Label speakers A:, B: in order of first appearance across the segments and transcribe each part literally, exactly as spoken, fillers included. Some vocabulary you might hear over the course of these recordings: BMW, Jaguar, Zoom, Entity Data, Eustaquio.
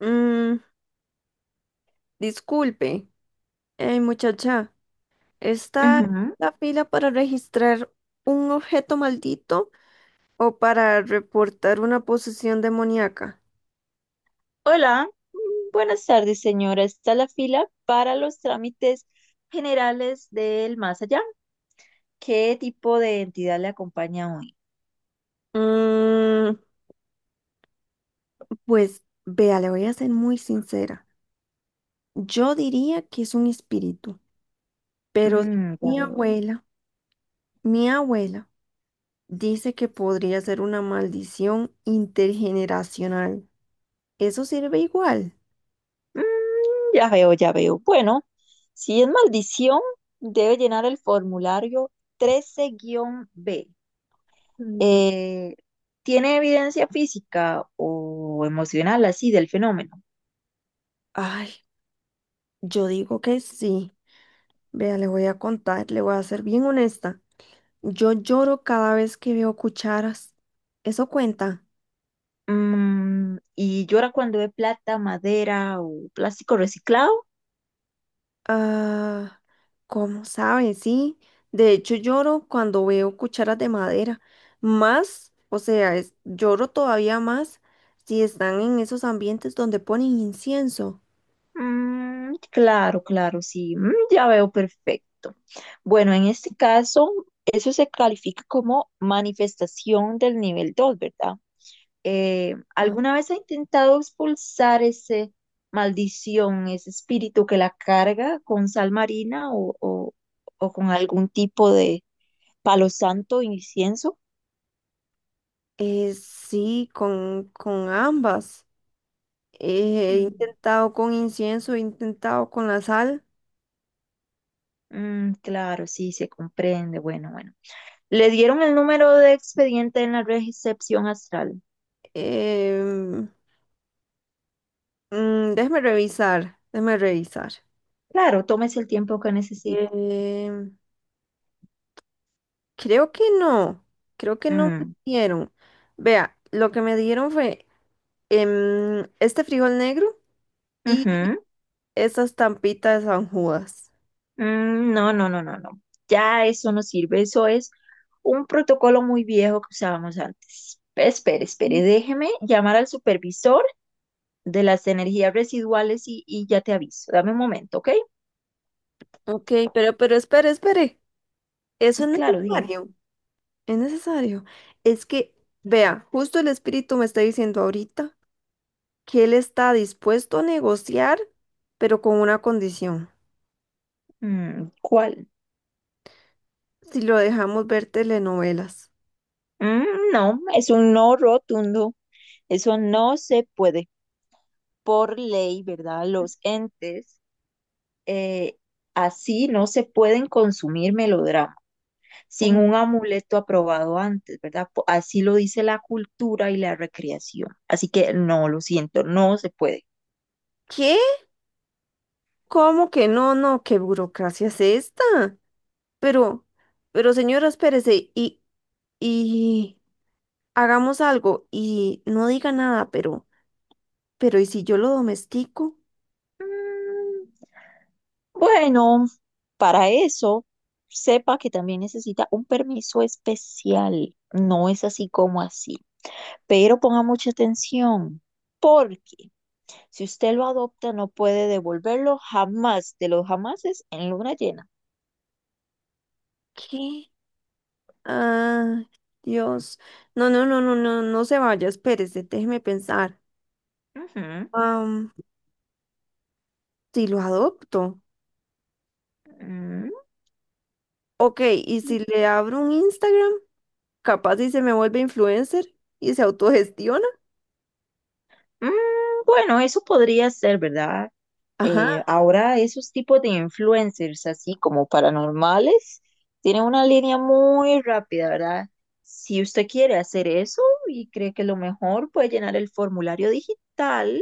A: Mm, Disculpe, eh, muchacha, ¿está en
B: Ujú.
A: la fila para registrar un objeto maldito o para reportar una posesión demoníaca?
B: Hola, buenas tardes, señora. Está la fila para los trámites generales del más allá. ¿Qué tipo de entidad le acompaña hoy?
A: Mm, pues vea, le voy a ser muy sincera. Yo diría que es un espíritu, pero si
B: Mm, ya
A: mi
B: veo.
A: abuela, mi abuela dice que podría ser una maldición intergeneracional. ¿Eso sirve igual?
B: Mm, ya veo, ya veo. Bueno, si es maldición, debe llenar el formulario trece-B.
A: Mm,
B: Eh, ¿Tiene evidencia física o emocional así del fenómeno?
A: Ay, yo digo que sí. Vea, le voy a contar, le voy a ser bien honesta. Yo lloro cada vez que veo cucharas. ¿Eso cuenta?
B: Mm, ¿y llora cuando ve plata, madera o plástico reciclado?
A: Ah, ¿cómo sabe? Sí. De hecho, lloro cuando veo cucharas de madera. Más, o sea, es- lloro todavía más si están en esos ambientes donde ponen incienso.
B: Mm, claro, claro, sí, mm, ya veo perfecto. Bueno, en este caso, eso se califica como manifestación del nivel dos, ¿verdad? Eh, ¿alguna
A: Ah.
B: vez ha intentado expulsar ese maldición, ese espíritu que la carga con sal marina o, o- o con algún tipo de palo santo o incienso?
A: Eh, sí, con, con ambas. Eh, he
B: Mm,
A: intentado con incienso, he intentado con la sal.
B: mm, claro, sí, se comprende. Bueno, bueno. Le dieron el número de expediente en la recepción astral.
A: Em, Mm, déjame revisar, déjame revisar.
B: Claro, tómese el tiempo que necesite.
A: Eh, Creo que no, creo que no me
B: Mm,
A: dieron. Vea, lo que me dieron fue em, este frijol negro y
B: ujú,
A: esas tampitas de San Judas.
B: mm, no, no, no, no, no. Ya eso no sirve. Eso es un protocolo muy viejo que usábamos antes. Espere,
A: Mm.
B: espere, déjeme llamar al supervisor de las energías residuales y, y ya te aviso. Dame un momento, ¿ok?
A: Ok, pero, pero espere, espere. Eso no es
B: Claro, dime.
A: necesario, es necesario. Es que, vea, justo el espíritu me está diciendo ahorita que él está dispuesto a negociar, pero con una condición,
B: Mm, ¿cuál?
A: si lo dejamos ver telenovelas.
B: Mm, no, es un no rotundo. Eso no se puede. Por ley, ¿verdad? Los entes eh, así no se pueden consumir melodramas sin un amuleto aprobado antes, ¿verdad? Po- Así lo dice la cultura y la recreación. Así que no, lo siento, no se puede.
A: ¿Qué? ¿Cómo que no? No, ¿qué burocracia es esta? Pero, pero señora, espérese y, y hagamos algo y no diga nada, pero, pero ¿y si yo lo domestico?
B: Mm, bueno, para eso, sepa que también necesita un permiso especial. No es así como así. Pero ponga mucha atención, porque si usted lo adopta, no puede devolverlo jamás de los jamases en luna llena.
A: ¿Qué? Ah, Dios. No, no, no, no, no, no se vaya, espérese, déjeme pensar.
B: Ujú.
A: Am, si lo adopto.
B: Mm.
A: Ok, ¿y si le abro un Instagram? Capaz y se me vuelve influencer y se autogestiona.
B: Mm, bueno, eso podría ser, ¿verdad?
A: Ajá,
B: Eh, ahora esos tipos de influencers, así como paranormales, tienen una línea muy rápida, ¿verdad? Si usted quiere hacer eso y cree que lo mejor puede llenar el formulario digital,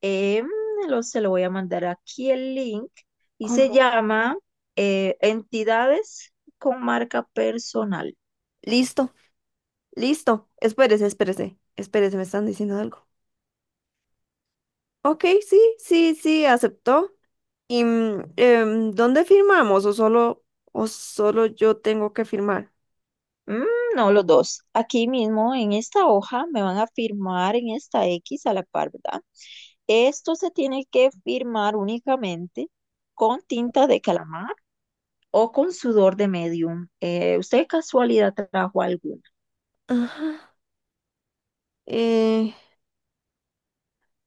B: em, lo- se lo voy a mandar aquí el link y se
A: como,
B: llama eh, Entidades con marca personal.
A: listo. Listo, espérese, espérese, espérese, me están diciendo algo. Ok, sí, sí, sí, aceptó. ¿Y mm, em, dónde firmamos? ¿O solo, o solo yo tengo que firmar?
B: Mm, no, los dos. Aquí mismo en esta hoja me van a firmar en esta X a la par, ¿verdad? Esto se tiene que firmar únicamente con tinta de calamar o con sudor de medium. Eh, ¿usted de casualidad trajo alguna?
A: Ajá. Eh,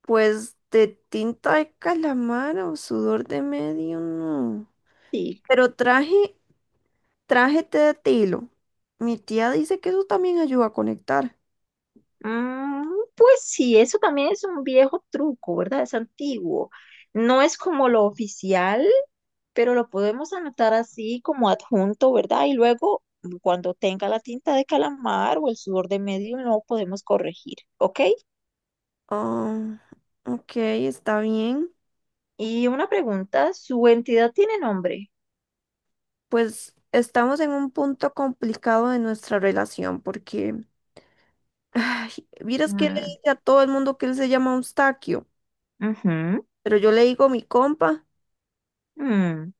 A: pues de tinta de calamar o sudor de medio, no.
B: Sí.
A: Pero traje Trájete de tilo. Mi tía dice que eso también ayuda a conectar.
B: Mm, pues sí, eso también es un viejo truco, ¿verdad? Es antiguo. No es como lo oficial, pero lo podemos anotar así como adjunto, ¿verdad? Y luego, cuando tenga la tinta de calamar o el sudor de medio, no podemos corregir, ¿ok?
A: Ah, ok, está bien.
B: Y una pregunta, ¿su entidad tiene nombre?
A: Pues estamos en un punto complicado de nuestra relación porque, ay, vieras que él le
B: Mm,
A: dice a todo el mundo que él se llama Eustaquio,
B: ujú,
A: pero yo le digo mi compa.
B: mm,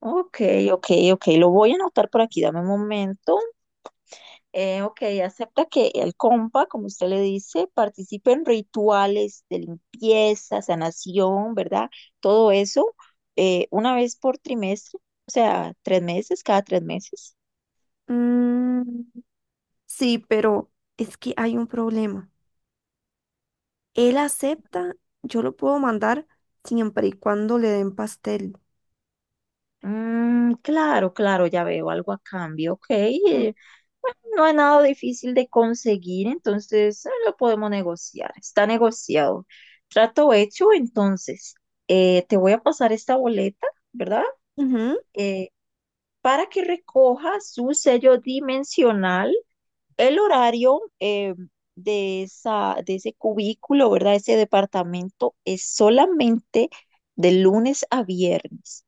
B: ok, ok, ok, lo voy a anotar por aquí, dame un momento. Eh, ok, acepta que el compa, como usted le dice, participe en rituales de limpieza, sanación, ¿verdad? Todo eso eh, una vez por trimestre, o sea, tres meses, cada tres meses.
A: Mm, sí, pero es que hay un problema. Él acepta, yo lo puedo mandar siempre y cuando le den pastel.
B: Mm, claro, claro, ya veo algo a cambio, ok. Eh, bueno, no es nada difícil de conseguir, entonces eh, lo podemos negociar, está negociado. Trato hecho, entonces, eh, te voy a pasar esta boleta, ¿verdad?
A: Ujú,
B: Eh, para que recoja su sello dimensional, el horario eh, de esa, de ese cubículo, ¿verdad? Ese departamento es solamente de lunes a viernes,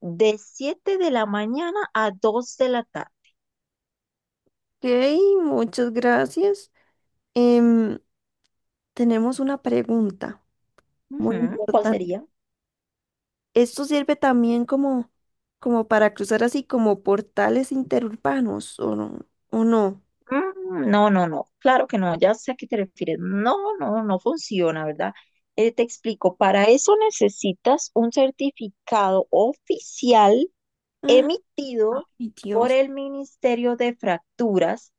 B: de siete de la mañana a dos de la tarde.
A: ok, muchas gracias. Em, Tenemos una pregunta muy
B: Ujú, ¿cuál
A: importante.
B: sería?
A: ¿Esto sirve también como, como para cruzar así como portales interurbanos o no? ¿O no?
B: Mm, no, no, no, claro que no, ya sé a qué te refieres. No, no, no funciona, ¿verdad? Eh, te explico, para eso necesitas un certificado oficial
A: Ah,
B: emitido
A: Ay,
B: por
A: Dios.
B: el Ministerio de Fracturas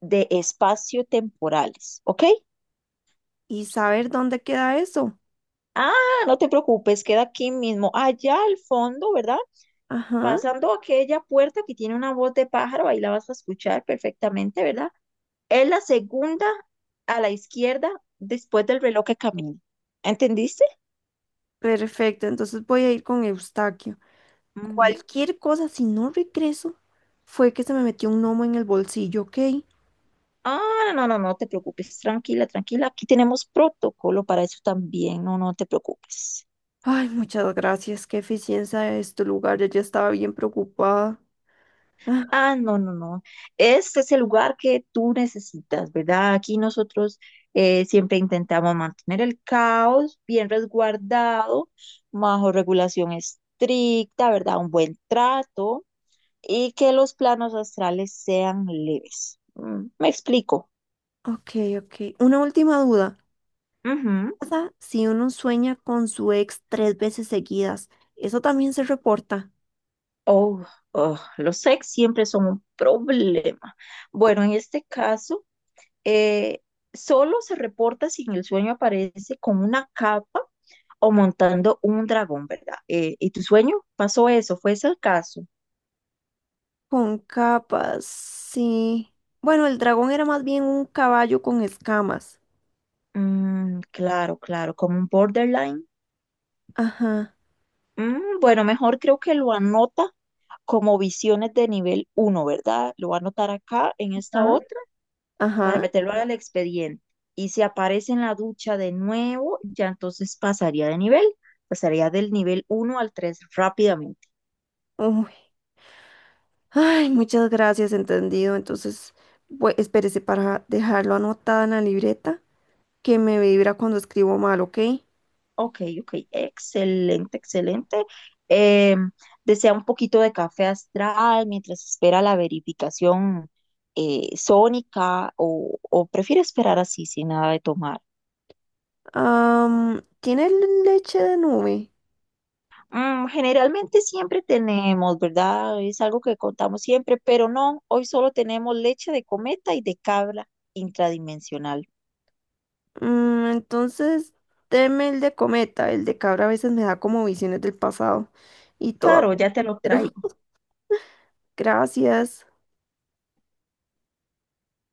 B: de Espacio-Temporales, ¿ok?
A: ¿Y saber dónde queda eso?
B: Ah, no te preocupes, queda aquí mismo, allá al fondo, ¿verdad?
A: Ajá,
B: Pasando aquella puerta que tiene una voz de pájaro, ahí la vas a escuchar perfectamente, ¿verdad? Es la segunda a la izquierda después del reloj que camina. ¿Entendiste?
A: perfecto. Entonces voy a ir con Eustaquio.
B: Ujú.
A: Cualquier cosa, si no regreso, fue que se me metió un gnomo en el bolsillo, ¿ok?
B: Ah, no, no, no, no te preocupes, tranquila, tranquila. Aquí tenemos protocolo para eso también, no, no te preocupes.
A: Ay, muchas gracias. Qué eficiencia es tu lugar. Yo ya estaba bien preocupada. Ah,
B: Ah, no, no, no. Este es el lugar que tú necesitas, ¿verdad? Aquí nosotros eh, siempre intentamos mantener el caos bien resguardado, bajo regulación estricta, ¿verdad? Un buen trato y que los planos astrales sean leves. Mm, me explico.
A: ok, ok. Una última duda.
B: Ujú.
A: ¿Qué pasa si uno sueña con su ex tres veces seguidas? Eso también se reporta.
B: Oh, oh, los ex siempre son un problema. Bueno, en este caso. eh, Solo se reporta si en el sueño aparece con una capa o montando un dragón, ¿verdad? Eh, ¿y tu sueño pasó eso? ¿Fue ese el caso?
A: Con capas, sí. Bueno, el dragón era más bien un caballo con escamas.
B: Mm, claro, claro, como un borderline.
A: Ajá.
B: Mm, bueno, mejor creo que lo anota como visiones de nivel uno, ¿verdad? Lo va a anotar acá en esta
A: ¿Ah?
B: otra para
A: Ajá.
B: meterlo al expediente. Y si aparece en la ducha de nuevo, ya entonces pasaría de nivel, pasaría del nivel uno al tres rápidamente.
A: Uy. Ay, muchas gracias, entendido. Entonces, bu- espérese para dejarlo anotada en la libreta que me vibra cuando escribo mal, ¿ok?
B: Ok, ok, excelente, excelente. Eh, Desea un poquito de café astral mientras espera la verificación eh, sónica o, o prefiere esperar así sin nada de tomar.
A: Am, tiene leche de nube.
B: Mm, generalmente siempre tenemos, ¿verdad? Es algo que contamos siempre, pero no, hoy solo tenemos leche de cometa y de cabra intradimensional.
A: Mm, entonces, deme el de cometa. El de cabra a veces me da como visiones del pasado. Y
B: Claro,
A: todo.
B: ya te lo
A: Pero
B: traigo.
A: gracias.